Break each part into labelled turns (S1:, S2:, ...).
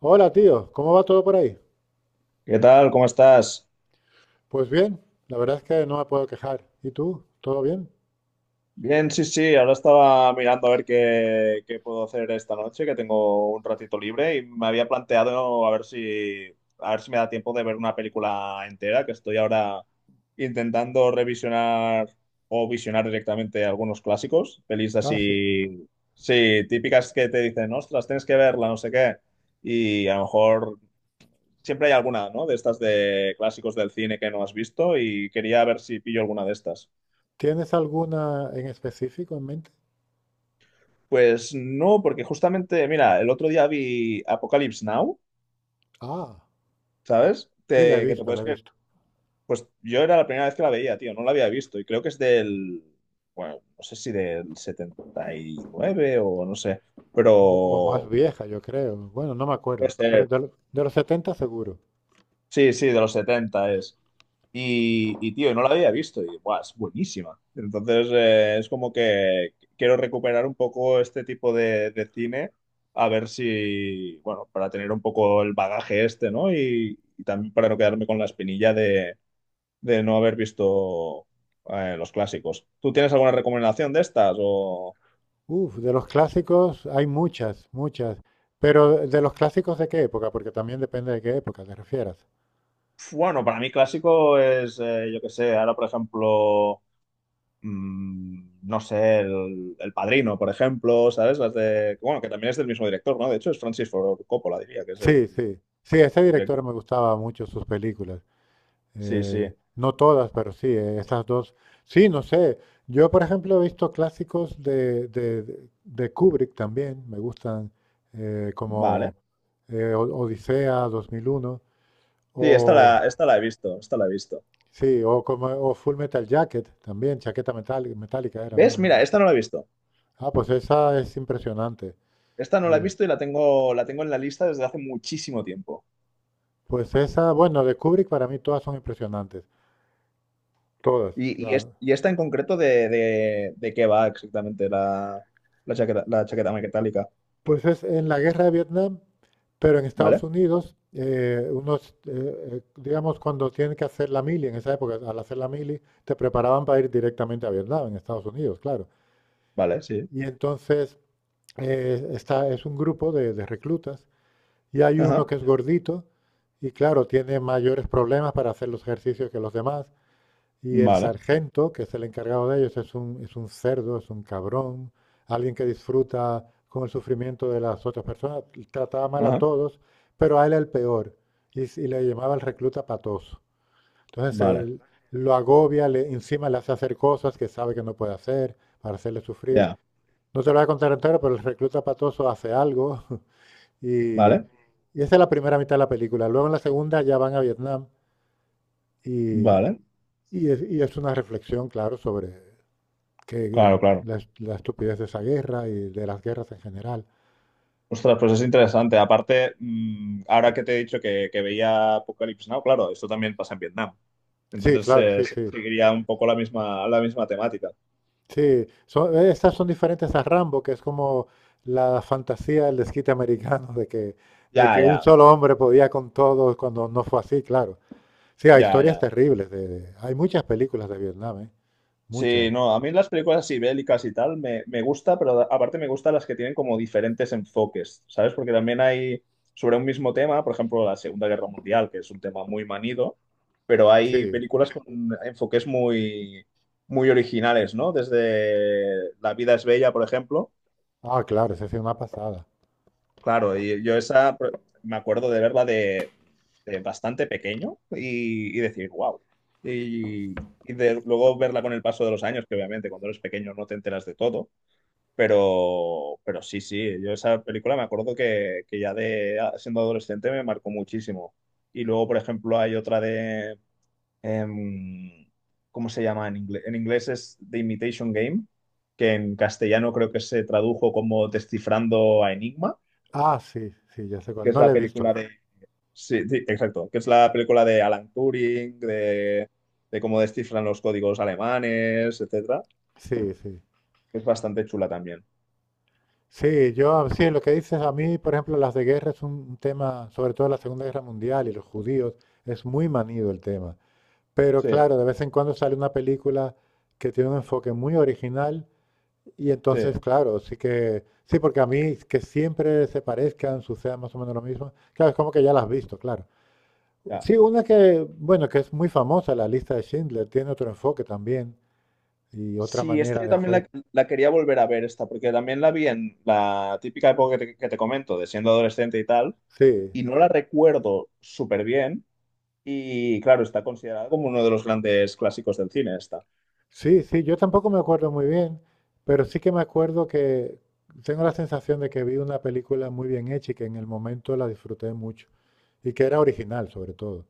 S1: Hola, tío, ¿cómo va todo por ahí?
S2: ¿Qué tal? ¿Cómo estás?
S1: Pues bien, la verdad es que no me puedo quejar. ¿Y tú? ¿Todo bien?
S2: Bien, sí, sí, ahora estaba mirando a ver qué puedo hacer esta noche, que tengo un ratito libre y me había planteado a ver si me da tiempo de ver una película entera, que estoy ahora intentando revisionar o visionar directamente algunos clásicos, pelis
S1: Ah, sí.
S2: así, sí, típicas que te dicen, ostras, tienes que verla, no sé qué, y a lo mejor siempre hay alguna, ¿no? De estas de clásicos del cine que no has visto y quería ver si pillo alguna de estas.
S1: ¿Tienes alguna en específico en mente?
S2: Pues no, porque justamente, mira, el otro día vi Apocalypse Now,
S1: Ah,
S2: ¿sabes?
S1: sí, la he
S2: Que te
S1: visto, la
S2: puedes
S1: he
S2: creer.
S1: visto.
S2: Pues yo era la primera vez que la veía, tío, no la había visto y creo que es del, bueno, no sé si del 79 o no sé,
S1: O, o más
S2: pero
S1: vieja, yo creo. Bueno, no me acuerdo,
S2: puede
S1: pero
S2: ser.
S1: de los setenta seguro.
S2: Sí, sí, de los 70 es. Y, tío, no la había visto y buah, es buenísima. Entonces, es como que quiero recuperar un poco este tipo de cine, a ver si, bueno, para tener un poco el bagaje este, ¿no? Y también para no quedarme con la espinilla de no haber visto los clásicos. ¿Tú tienes alguna recomendación de estas?
S1: Uf, de los clásicos hay muchas, muchas. Pero de los clásicos de qué época, porque también depende de qué época te refieras.
S2: Bueno, para mí clásico es, yo qué sé, ahora por ejemplo, no sé, el Padrino, por ejemplo, ¿sabes? Las de, bueno, que también es del mismo director, ¿no? De hecho, es Francis Ford Coppola, diría, que es
S1: Sí,
S2: el,
S1: sí. Sí, ese
S2: el
S1: director
S2: director.
S1: me gustaba mucho sus películas.
S2: Sí, sí,
S1: No todas, pero sí, esas dos. Sí, no sé. Yo, por ejemplo, he visto clásicos de Kubrick también. Me gustan
S2: vale.
S1: como Odisea 2001
S2: Sí,
S1: o
S2: esta la he visto, esta la he visto.
S1: sí, o como o Full Metal Jacket también, metálica era, ¿no?
S2: ¿Ves?
S1: El
S2: Mira,
S1: nombre.
S2: esta no la he visto.
S1: Ah, pues esa es impresionante.
S2: Esta no la he
S1: Le-
S2: visto y la tengo, en la lista desde hace muchísimo tiempo.
S1: Pues esa, bueno, de Kubrick para mí todas son impresionantes. Todas.
S2: Y, y,
S1: La,
S2: es- y esta en concreto de qué va exactamente la chaqueta metálica.
S1: pues es en la guerra de Vietnam, pero en Estados
S2: ¿Vale?
S1: Unidos, unos, digamos, cuando tienen que hacer la mili, en esa época, al hacer la mili, te preparaban para ir directamente a Vietnam, en Estados Unidos, claro.
S2: Vale, sí.
S1: Y entonces es un grupo de reclutas y hay uno
S2: Ajá.
S1: que es gordito y claro, tiene mayores problemas para hacer los ejercicios que los demás. Y el
S2: Vale.
S1: sargento, que es el encargado de ellos, es un cerdo, es un cabrón, alguien que disfruta con el sufrimiento de las otras personas, trataba mal a
S2: Ajá.
S1: todos, pero a él era el peor, y le llamaba el recluta patoso. Entonces
S2: Vale.
S1: él lo agobia, le, encima le hace hacer cosas que sabe que no puede hacer para hacerle sufrir.
S2: Ya.
S1: No te lo voy a contar entero, pero el recluta patoso hace algo y
S2: Vale.
S1: esa es la primera mitad de la película. Luego en la segunda ya van a Vietnam y,
S2: Vale.
S1: y es una reflexión, claro, sobre que
S2: Claro, claro.
S1: la estupidez de esa guerra y de las guerras en general.
S2: Ostras, pues es interesante. Aparte, ahora que te he dicho que veía Apocalypse Now, claro, esto también pasa en Vietnam.
S1: Sí,
S2: Entonces,
S1: claro, sí, sí.
S2: seguiría un poco la misma temática.
S1: Sí, son, estas son diferentes a Rambo, que es como la fantasía del desquite americano de
S2: Ya,
S1: que un
S2: ya,
S1: solo hombre podía con todos cuando no fue así, claro. Sí, hay
S2: ya,
S1: historias
S2: ya.
S1: terribles. Hay muchas películas de Vietnam, ¿eh?
S2: Sí,
S1: Muchas.
S2: no, a mí las películas así bélicas y tal me, gusta, pero aparte me gustan las que tienen como diferentes enfoques, ¿sabes? Porque también hay sobre un mismo tema, por ejemplo, la Segunda Guerra Mundial, que es un tema muy manido, pero hay
S1: Sí.
S2: películas con enfoques muy, muy originales, ¿no? Desde La vida es bella, por ejemplo.
S1: Ah, claro, esa sí es una pasada.
S2: Claro, y yo me acuerdo de verla de, bastante pequeño y decir, wow. Y luego verla con el paso de los años, que obviamente cuando eres pequeño no te enteras de todo, pero, sí, sí, yo esa película me acuerdo que ya de siendo adolescente me marcó muchísimo. Y luego, por ejemplo, hay otra em, ¿cómo se llama en inglés? En inglés es The Imitation Game, que en castellano creo que se tradujo como Descifrando a Enigma,
S1: Ah, sí, sí, ya sé
S2: que
S1: cuál.
S2: es
S1: No la
S2: la
S1: he visto.
S2: película de. Sí, sí, exacto, que es la película de Alan Turing, de, cómo descifran los códigos alemanes, etcétera.
S1: Sí, sí.
S2: Es bastante chula también.
S1: Sí, yo sí, lo que dices a mí, por ejemplo, las de guerra es un tema, sobre todo la Segunda Guerra Mundial y los judíos, es muy manido el tema. Pero
S2: Sí,
S1: claro, de vez en cuando sale una película que tiene un enfoque muy original y
S2: sí,
S1: entonces, claro, sí que, sí, porque a mí que siempre se parezcan, suceda más o menos lo mismo, claro, es como que ya las has visto, claro.
S2: ya.
S1: Sí, una que, bueno, que es muy famosa, la lista de Schindler, tiene otro enfoque también y otra
S2: Sí, esta
S1: manera
S2: yo
S1: de
S2: también
S1: hacer.
S2: la quería volver a ver esta, porque también la vi en la típica época que te comento, de siendo adolescente y tal,
S1: Sí,
S2: y no la recuerdo súper bien, y claro, está considerada como uno de los grandes clásicos del cine esta.
S1: sí, sí, yo tampoco me acuerdo muy bien, pero sí que me acuerdo que tengo la sensación de que vi una película muy bien hecha y que en el momento la disfruté mucho y que era original sobre todo.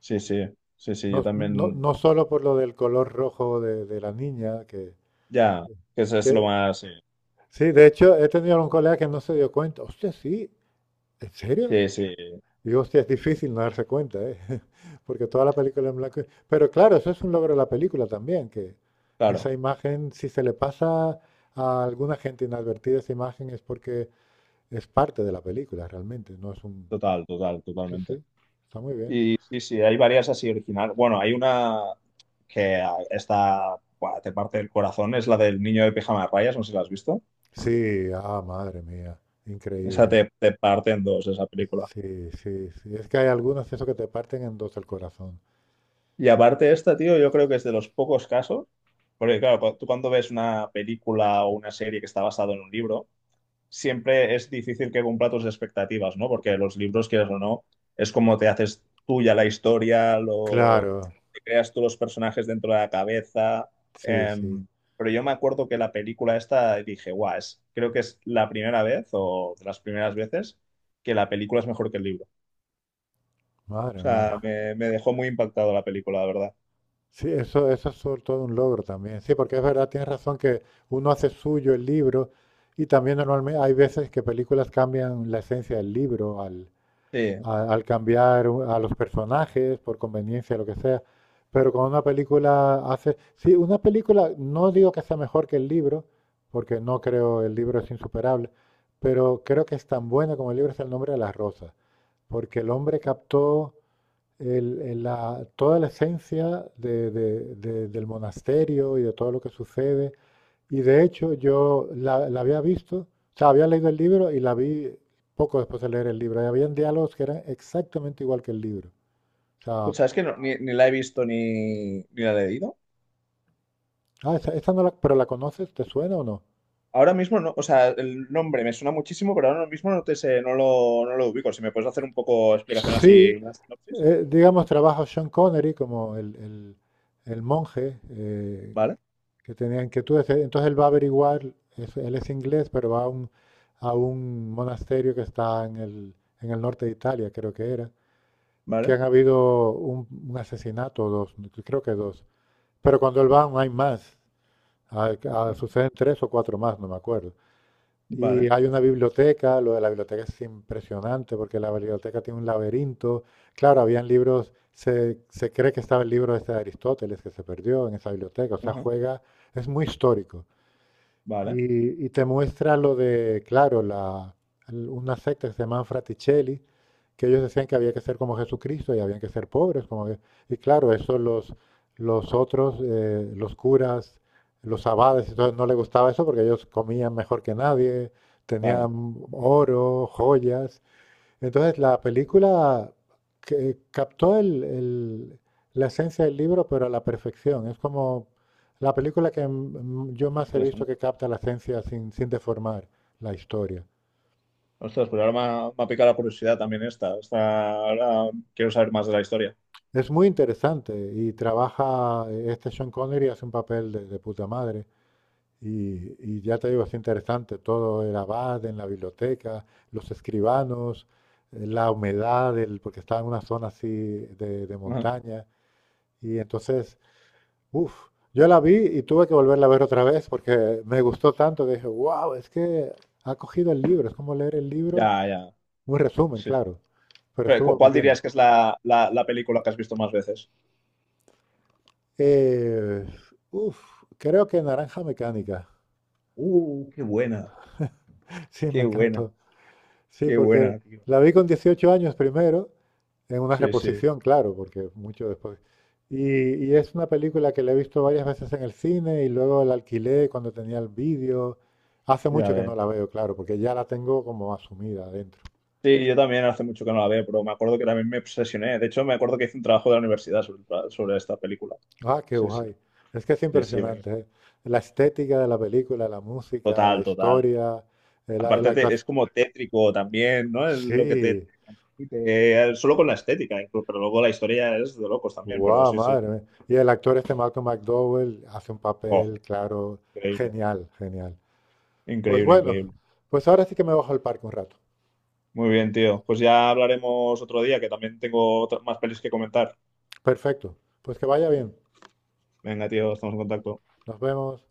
S2: Sí, sí, sí, sí, yo
S1: No, no,
S2: también,
S1: no solo por lo del color rojo de la niña,
S2: ya, que eso es lo
S1: que-
S2: más. Sí,
S1: sí, de hecho he tenido un colega que no se dio cuenta. Hostia, sí, ¿en serio?
S2: sí, sí,
S1: Y hostia, es difícil no darse cuenta, ¿eh? Porque toda la película en blanco y... Pero claro, eso es un logro de la película también, que
S2: claro.
S1: esa imagen, si se le pasa a alguna gente inadvertida esa imagen, es porque es parte de la película realmente, no es un...
S2: Total, total,
S1: Sí,
S2: totalmente.
S1: sí, está muy bien.
S2: Y sí, sí, hay varias así originales. Bueno, hay una que está, buah, te parte el corazón, es la del niño de pijama de rayas, no sé si la has visto.
S1: Sí, ah, madre mía,
S2: Esa
S1: increíble.
S2: te parte en dos, esa película.
S1: Sí, sí, sí. Es que hay algunos eso que te parten en dos el corazón.
S2: Y aparte esta, tío, yo creo que es de los pocos casos, porque claro, tú cuando ves una película o una serie que está basada en un libro, siempre es difícil que cumpla tus expectativas, ¿no? Porque los libros, quieras o no, es como te haces tuya la historia, lo
S1: Claro,
S2: te creas tú los personajes dentro de la cabeza.
S1: sí, sí.
S2: em, pero yo me acuerdo que la película esta dije, guau, es, creo que es la primera vez o de las primeras veces que la película es mejor que el libro. O
S1: Madre
S2: sea,
S1: mía.
S2: me, dejó muy impactado la película, la verdad.
S1: Sí, eso es sobre todo un logro también. Sí, porque es verdad, tienes razón que uno hace suyo el libro y también normalmente hay veces que películas cambian la esencia del libro
S2: Sí.
S1: al cambiar a los personajes por conveniencia, lo que sea. Pero con una película hace... Sí, una película, no digo que sea mejor que el libro, porque no creo el libro es insuperable, pero creo que es tan buena como el libro es El nombre de las rosas, porque el hombre captó toda la esencia del monasterio y de todo lo que sucede. Y de hecho yo la había visto, o sea, había leído el libro y la vi poco después de leer el libro. Y habían diálogos que eran exactamente igual que el libro. O sea,
S2: Pues sabes que ni la he visto ni la he leído.
S1: ah, esta no la, pero la conoces, ¿te suena o no?
S2: Ahora mismo no, o sea, el nombre me suena muchísimo, pero ahora mismo no te sé, no lo, ubico. Si me puedes hacer un poco explicación así,
S1: Sí,
S2: una sinopsis.
S1: digamos, trabaja Sean Connery como el monje,
S2: Vale,
S1: que tenían inquietudes. Entonces él va a averiguar, él es inglés, pero va a un monasterio que está en el norte de Italia, creo que era, que
S2: vale,
S1: han habido un asesinato, dos, creo que dos. Pero cuando él va no hay más. Ah, ah,
S2: ujú,
S1: suceden tres o cuatro más, no me acuerdo. Y
S2: vale,
S1: hay una biblioteca, lo de la biblioteca es impresionante porque la biblioteca tiene un laberinto. Claro, habían libros, se cree que estaba el libro este de Aristóteles que se perdió en esa biblioteca, o sea,
S2: ujú,
S1: juega, es muy histórico.
S2: vale,
S1: Y te muestra lo de, claro, una secta que se llaman Fraticelli, que ellos decían que había que ser como Jesucristo y habían que ser pobres. Y claro, eso los otros, los curas, los abades, y todo, no les gustaba eso porque ellos comían mejor que nadie,
S2: claro,
S1: tenían oro, joyas, entonces, la película que captó la esencia del libro, pero a la perfección. Es como la película que yo más he visto
S2: interesante.
S1: que capta la esencia sin, sin deformar la historia.
S2: Ostras, pues ahora me ha picado la curiosidad también esta. Ahora quiero saber más de la historia.
S1: Es muy interesante y trabaja, este Sean Connery hace un papel de puta madre. Y ya te digo, es interesante todo el abad en la biblioteca, los escribanos, la humedad, porque estaba en una zona así de
S2: Ujú,
S1: montaña. Y entonces uf, yo la vi y tuve que volverla a ver otra vez porque me gustó tanto que dije, wow, es que ha cogido el libro, es como leer el libro,
S2: ya, ya,
S1: un resumen,
S2: sí. Sí.
S1: claro, pero
S2: Pero,
S1: estuvo muy
S2: ¿cuál
S1: bien.
S2: dirías que es la, la película que has visto más veces?
S1: Eh, uf, Creo que Naranja Mecánica,
S2: Qué buena,
S1: sí, me
S2: qué buena,
S1: encantó. Sí,
S2: qué
S1: porque
S2: buena, tío.
S1: la vi con 18 años primero, en una
S2: Sí, sí,
S1: reposición, claro, porque mucho después. Y es una película que la he visto varias veces en el cine y luego la alquilé cuando tenía el vídeo. Hace
S2: ya
S1: mucho que
S2: ves.
S1: no la veo, claro, porque ya la tengo como asumida adentro.
S2: Sí, yo también hace mucho que no la veo, pero me acuerdo que también me obsesioné. De hecho, me acuerdo que hice un trabajo de la universidad sobre, esta película.
S1: Ah, qué
S2: Sí, sí,
S1: guay. Es que es
S2: sí, sí,
S1: impresionante, ¿eh? La estética de la película, la música, la
S2: total, total.
S1: historia, la
S2: Aparte es
S1: actuación.
S2: como tétrico también, ¿no? Es Lo que te,
S1: Sí,
S2: te- Solo con la estética, incluso, pero luego la historia es de locos también, pero
S1: guau,
S2: sí, sí.
S1: madre mía. Y el actor este Malcolm McDowell hace un
S2: Oh,
S1: papel, claro,
S2: increíble,
S1: genial, genial. Pues
S2: increíble,
S1: bueno,
S2: increíble.
S1: pues ahora sí que me bajo al parque un rato.
S2: Muy bien, tío. Pues ya hablaremos otro día, que también tengo más pelis que comentar.
S1: Perfecto. Pues que vaya bien.
S2: Venga, tío, estamos en contacto.
S1: Nos vemos.